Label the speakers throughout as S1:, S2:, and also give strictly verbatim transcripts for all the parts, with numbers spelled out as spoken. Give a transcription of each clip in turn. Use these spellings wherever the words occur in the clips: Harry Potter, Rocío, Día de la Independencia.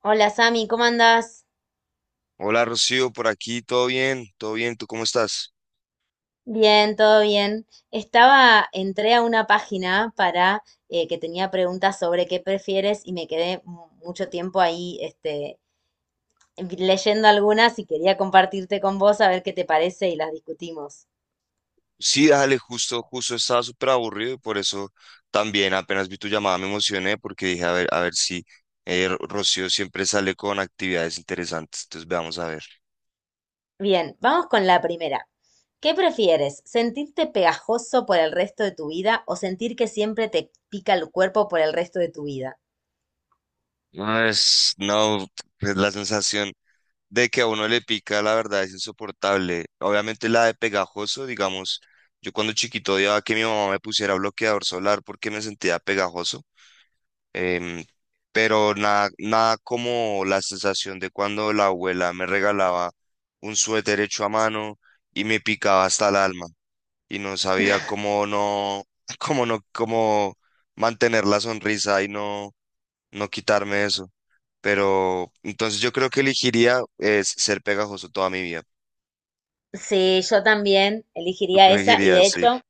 S1: Hola Sami, ¿cómo andás?
S2: Hola Rocío, por aquí, todo bien, todo bien, ¿tú cómo estás?
S1: Bien, todo bien. Estaba, entré a una página para eh, que tenía preguntas sobre qué prefieres y me quedé mu- mucho tiempo ahí, este, leyendo algunas y quería compartirte con vos a ver qué te parece y las discutimos.
S2: Sí, dale, justo, justo estaba súper aburrido y por eso también apenas vi tu llamada me emocioné porque dije, a ver, a ver si eh, Ro- Rocío siempre sale con actividades interesantes, entonces veamos a ver.
S1: Bien, vamos con la primera. ¿Qué prefieres? ¿Sentirte pegajoso por el resto de tu vida o sentir que siempre te pica el cuerpo por el resto de tu vida?
S2: No, es, no, pues la sensación de que a uno le pica, la verdad, es insoportable. Obviamente la de pegajoso, digamos, yo cuando chiquito odiaba que mi mamá me pusiera bloqueador solar porque me sentía pegajoso. em, pero nada, nada como la sensación de cuando la abuela me regalaba un suéter hecho a mano y me picaba hasta el alma y no sabía cómo no, cómo no, cómo mantener la sonrisa y no, no quitarme eso. Pero entonces yo creo que elegiría es ser pegajoso toda mi vida.
S1: Sí, yo también
S2: ¿Tú qué
S1: elegiría esa, y de
S2: elegirías? Sí.
S1: hecho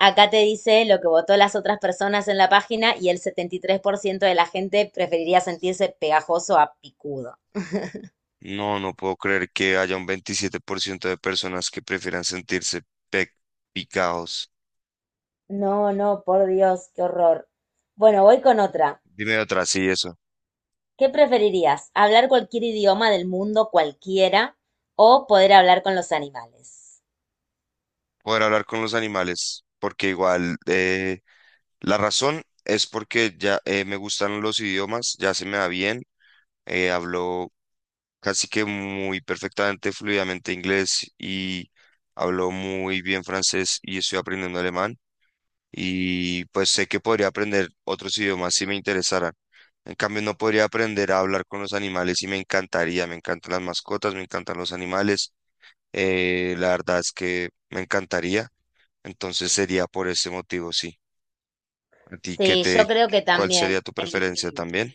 S1: acá te dice lo que votó las otras personas en la página, y el setenta y tres por ciento de la gente preferiría sentirse pegajoso a picudo.
S2: No, no puedo creer que haya un veintisiete por ciento de personas que prefieran sentirse pe- picados.
S1: No, no, por Dios, qué horror. Bueno, voy con otra.
S2: Dime otra, sí, eso.
S1: ¿Qué preferirías? ¿Hablar cualquier idioma del mundo, cualquiera, o poder hablar con los animales?
S2: Poder hablar con los animales, porque igual eh, la razón es porque ya eh, me gustan los idiomas, ya se me da bien, eh, hablo casi que muy perfectamente, fluidamente inglés y hablo muy bien francés y estoy aprendiendo alemán y pues sé que podría aprender otros idiomas si me interesaran. En cambio, no podría aprender a hablar con los animales y me encantaría, me encantan las mascotas, me encantan los animales, eh, la verdad es que me encantaría. Entonces sería por ese motivo, sí. ¿A ti qué
S1: Sí, yo
S2: te,
S1: creo que
S2: cuál
S1: también
S2: sería tu preferencia
S1: elegiría.
S2: también?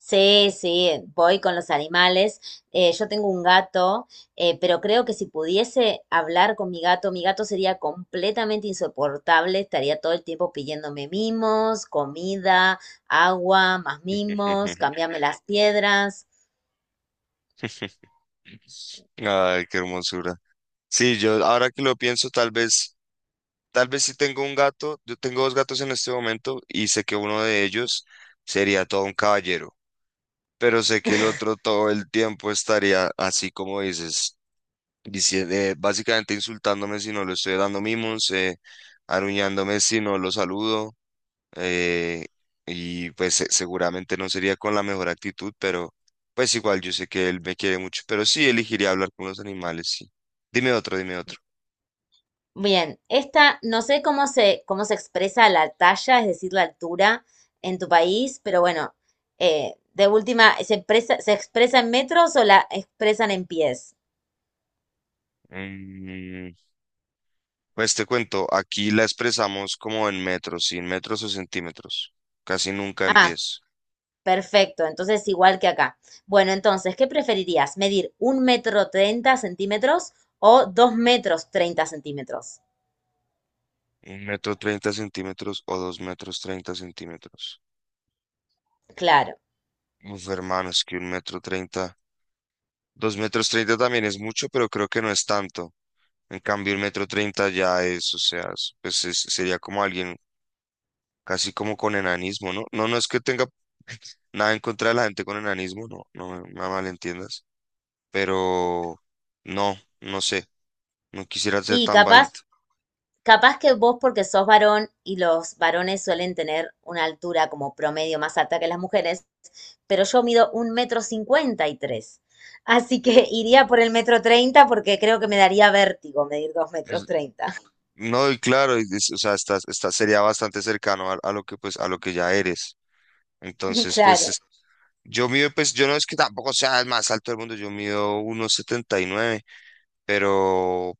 S1: Sí, sí, voy con los animales. Eh, yo tengo un gato, eh, pero creo que si pudiese hablar con mi gato, mi gato sería completamente insoportable. Estaría todo el tiempo pidiéndome mimos, comida, agua, más mimos, cambiarme las piedras.
S2: Ay, qué hermosura. Sí, yo ahora que lo pienso, tal vez, tal vez si tengo un gato, yo tengo dos gatos en este momento y sé que uno de ellos sería todo un caballero, pero sé que el otro todo el tiempo estaría así como dices, diciendo, básicamente insultándome si no le estoy dando mimos, eh, aruñándome si no lo saludo. eh, y pues se- seguramente no sería con la mejor actitud, pero pues igual yo sé que él me quiere mucho, pero sí elegiría hablar con los animales, sí. Dime otro, dime otro.
S1: Bien, esta no sé cómo se, cómo se expresa la talla, es decir, la altura en tu país, pero bueno, eh, de última, ¿se expresa, se expresa en metros o la expresan en pies?
S2: Mm, pues te cuento, aquí la expresamos como en metros, sin metros o centímetros. Casi nunca en
S1: Ah,
S2: pies.
S1: perfecto, entonces igual que acá. Bueno, entonces, ¿qué preferirías? ¿Medir un metro treinta centímetros o dos metros treinta centímetros?
S2: Un metro treinta centímetros o dos metros treinta centímetros.
S1: Claro.
S2: Uf, hermano, es que un metro treinta. Dos metros treinta también es mucho, pero creo que no es tanto. En cambio, el metro treinta ya es, o sea, es- pues es- sería como alguien casi como con enanismo, ¿no? No, no es que tenga nada en contra de la gente con enanismo, no, no me, me malentiendas, pero no, no sé, no quisiera ser
S1: Y
S2: tan
S1: capaz,
S2: bajito.
S1: capaz que vos porque sos varón y los varones suelen tener una altura como promedio más alta que las mujeres, pero yo mido un metro cincuenta y tres. Así que iría por el metro treinta porque creo que me daría vértigo medir dos metros
S2: Es-
S1: treinta.
S2: No, y claro, y es- o sea, estás, estás- sería bastante cercano a, a lo que pues a lo que ya eres. Entonces, pues
S1: Claro,
S2: es- yo mido, pues yo no es que tampoco sea el más alto del mundo, yo mido uno setenta y nueve, pero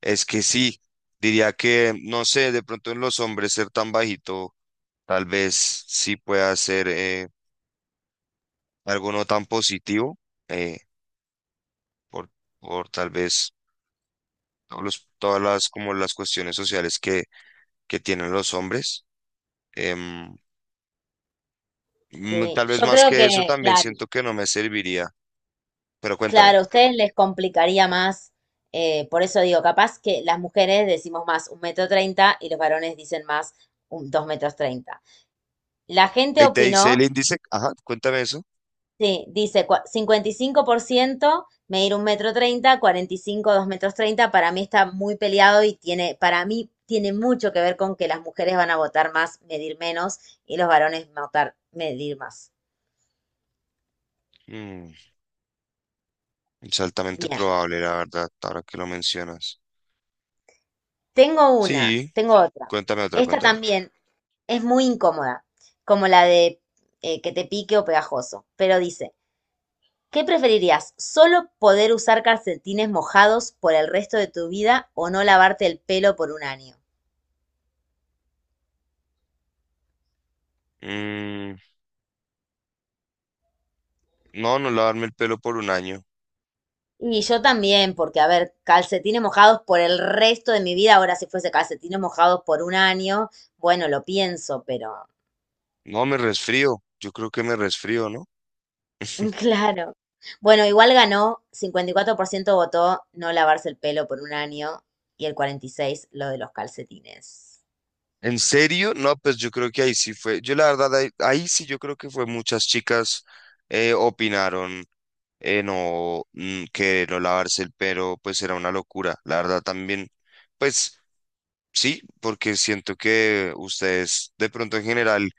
S2: es que sí, diría que, no sé, de pronto en los hombres ser tan bajito, tal vez sí pueda ser eh, algo no tan positivo, eh, por, por tal vez todos los- todas las, como las cuestiones sociales que, que tienen los hombres. Em, mm,
S1: sí.
S2: Tal vez
S1: Yo
S2: más
S1: creo
S2: que eso
S1: que,
S2: también
S1: claro,
S2: siento que no me serviría, pero cuéntame.
S1: claro, a ustedes les complicaría más. Eh, por eso digo, capaz que las mujeres decimos más un metro treinta y los varones dicen más un dos metros treinta. La gente
S2: Ahí te dice
S1: opinó.
S2: el índice, ajá, cuéntame eso.
S1: Sí, dice cua- cincuenta y cinco por ciento medir un metro treinta, cuarenta y cinco dos metros treinta. Para mí está muy peleado y tiene, para mí tiene mucho que ver con que las mujeres van a votar más, medir menos, y los varones votar, medir más.
S2: Mm, es altamente
S1: Bien,
S2: probable, la verdad, ahora que lo mencionas.
S1: tengo una,
S2: Sí,
S1: tengo otra.
S2: cuéntame otra,
S1: Esta
S2: cuéntame otra.
S1: también es muy incómoda, como la de eh, que te pique o pegajoso, pero dice, ¿qué preferirías? ¿Solo poder usar calcetines mojados por el resto de tu vida o no lavarte el pelo por un año?
S2: Mm, No, no lavarme el pelo por un año.
S1: Y yo también, porque a ver, calcetines mojados por el resto de mi vida, ahora si fuese calcetines mojados por un año, bueno, lo pienso, pero
S2: No, me resfrío. Yo creo que me resfrío, ¿no?
S1: claro. Bueno, igual ganó, cincuenta y cuatro por ciento votó no lavarse el pelo por un año y el cuarenta y seis por ciento lo de los calcetines.
S2: ¿En serio? No, pues yo creo que ahí sí fue. Yo la verdad, ahí, ahí sí yo creo que fue muchas chicas eh, opinaron eh, no, mm, que no lavarse el pelo, pues era una locura. La verdad también, pues sí, porque siento que ustedes de pronto en general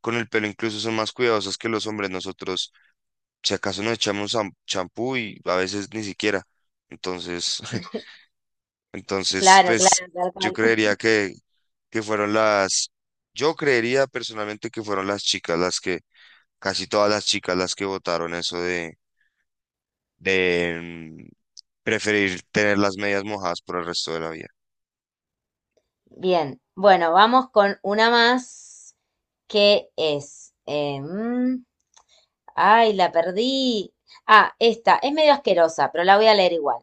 S2: con el pelo incluso son más cuidadosos que los hombres. Nosotros, si acaso nos echamos cham- champú y a veces ni siquiera. Entonces, Entonces,
S1: Claro,
S2: pues
S1: claro, tal
S2: yo
S1: cual.
S2: creería que, que fueron las, yo creería personalmente que fueron las chicas las que, casi todas las chicas las que votaron eso de, de mm, preferir tener las medias mojadas por el resto de la vida.
S1: Bien, bueno, vamos con una más que es... em, Ay, la perdí. Ah, esta es medio asquerosa, pero la voy a leer igual.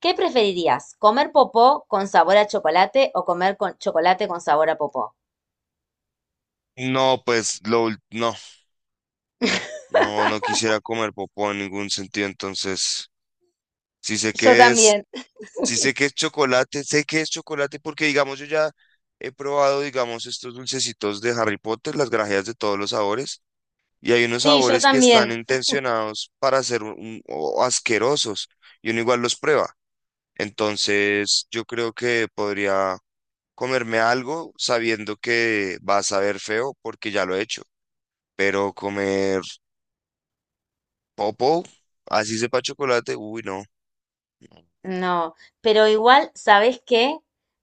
S1: ¿Qué preferirías? ¿Comer popó con sabor a chocolate o comer con chocolate con sabor a popó?
S2: No, pues lo, ul- no, no, no quisiera comer popó en ningún sentido, entonces, si sé
S1: Yo
S2: que es,
S1: también.
S2: si sé que es chocolate, sé que es chocolate porque digamos yo ya he probado, digamos, estos dulcecitos de Harry Potter, las grajeas de todos los sabores. Y hay unos
S1: Sí, yo
S2: sabores que están
S1: también.
S2: intencionados para ser un- o asquerosos y uno igual los prueba. Entonces, yo creo que podría comerme algo sabiendo que va a saber feo porque ya lo he hecho. Pero comer popo, así sepa chocolate, uy, no.
S1: No, pero igual, ¿sabes qué?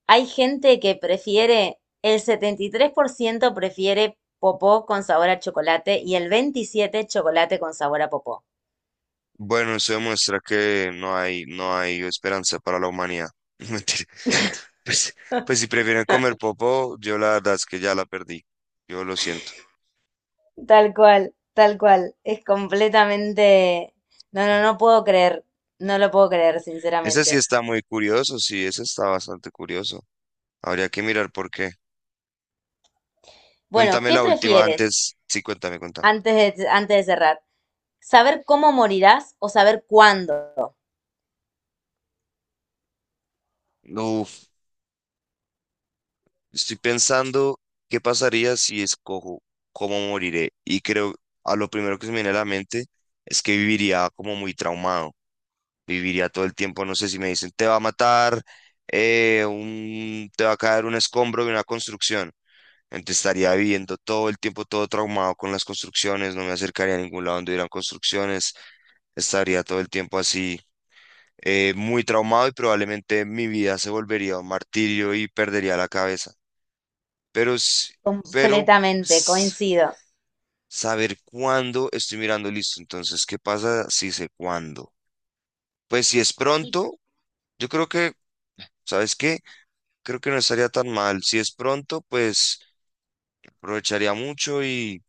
S1: Hay gente que prefiere, el setenta y tres por ciento prefiere popó con sabor a chocolate y el veintisiete por ciento chocolate con sabor a popó.
S2: Bueno, eso demuestra que no hay, no hay esperanza para la humanidad. Mentira. Pues, pues si prefieren comer popo, yo la verdad es que ya la perdí. Yo lo siento.
S1: Tal cual, tal cual. Es completamente... No, no, no puedo creer. No lo puedo creer,
S2: Ese sí
S1: sinceramente.
S2: está muy curioso, sí, ese está bastante curioso. Habría que mirar por qué.
S1: Bueno,
S2: Cuéntame
S1: ¿qué
S2: la última
S1: prefieres
S2: antes. Sí, cuéntame, cuéntame.
S1: antes de, antes de cerrar? ¿Saber cómo morirás o saber cuándo?
S2: Uf, estoy pensando qué pasaría si escojo cómo moriré. Y creo, a lo primero que se me viene a la mente es que viviría como muy traumado. Viviría todo el tiempo, no sé si me dicen, te va a matar, eh, un, te va a caer un escombro de una construcción. Entonces estaría viviendo todo el tiempo todo traumado con las construcciones, no me acercaría a ningún lado donde hubieran construcciones, estaría todo el tiempo así, eh, muy traumado y probablemente mi vida se volvería un martirio y perdería la cabeza. Pero, s- pero
S1: Completamente,
S2: s-
S1: coincido.
S2: Saber cuándo estoy mirando listo. Entonces, ¿qué pasa si sé cuándo? Pues si es
S1: Y-
S2: pronto, yo creo que, ¿sabes qué? Creo que no estaría tan mal. Si es pronto, pues aprovecharía mucho y,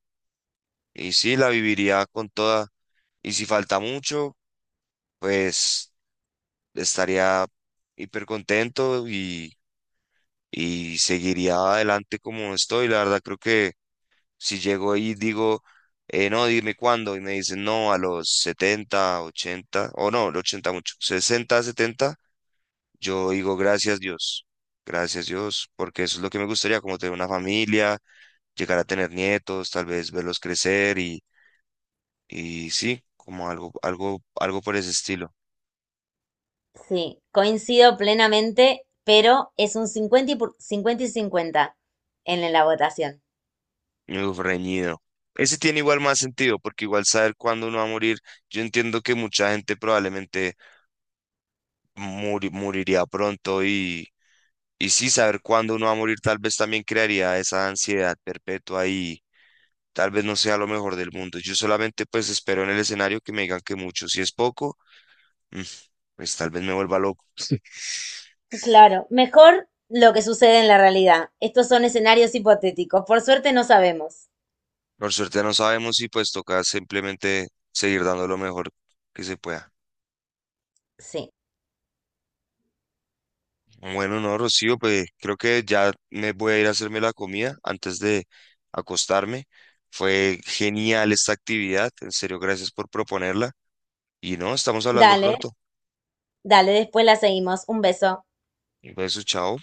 S2: y sí, la viviría con toda. Y si falta mucho, pues estaría hiper contento y y seguiría adelante como estoy. La verdad, creo que si llego ahí y digo, eh, no, dime cuándo, y me dicen, no, a los setenta ochenta o no, los ochenta mucho, sesenta setenta, yo digo, gracias Dios, gracias Dios, porque eso es lo que me gustaría, como tener una familia, llegar a tener nietos, tal vez verlos crecer y, y sí, como algo, algo, algo por ese estilo.
S1: Sí, coincido plenamente, pero es un cincuenta y, pu- cincuenta y cincuenta en la votación.
S2: Uf, reñido. Ese tiene igual más sentido, porque igual saber cuándo uno va a morir, yo entiendo que mucha gente probablemente muri- moriría pronto y, y sí saber cuándo uno va a morir tal vez también crearía esa ansiedad perpetua y tal vez no sea lo mejor del mundo. Yo solamente pues espero en el escenario que me digan que mucho, si es poco, mm, pues tal vez me vuelva loco.
S1: Claro, mejor lo que sucede en la realidad. Estos son escenarios hipotéticos. Por suerte no sabemos.
S2: Por suerte no sabemos y pues toca simplemente seguir dando lo mejor que se pueda.
S1: Sí.
S2: Bueno, no, Rocío, pues creo que ya me voy a ir a hacerme la comida antes de acostarme. Fue genial esta actividad, en serio, gracias por proponerla. Y no, estamos hablando
S1: Dale,
S2: pronto.
S1: dale, después la seguimos. Un beso.
S2: Un beso, chao.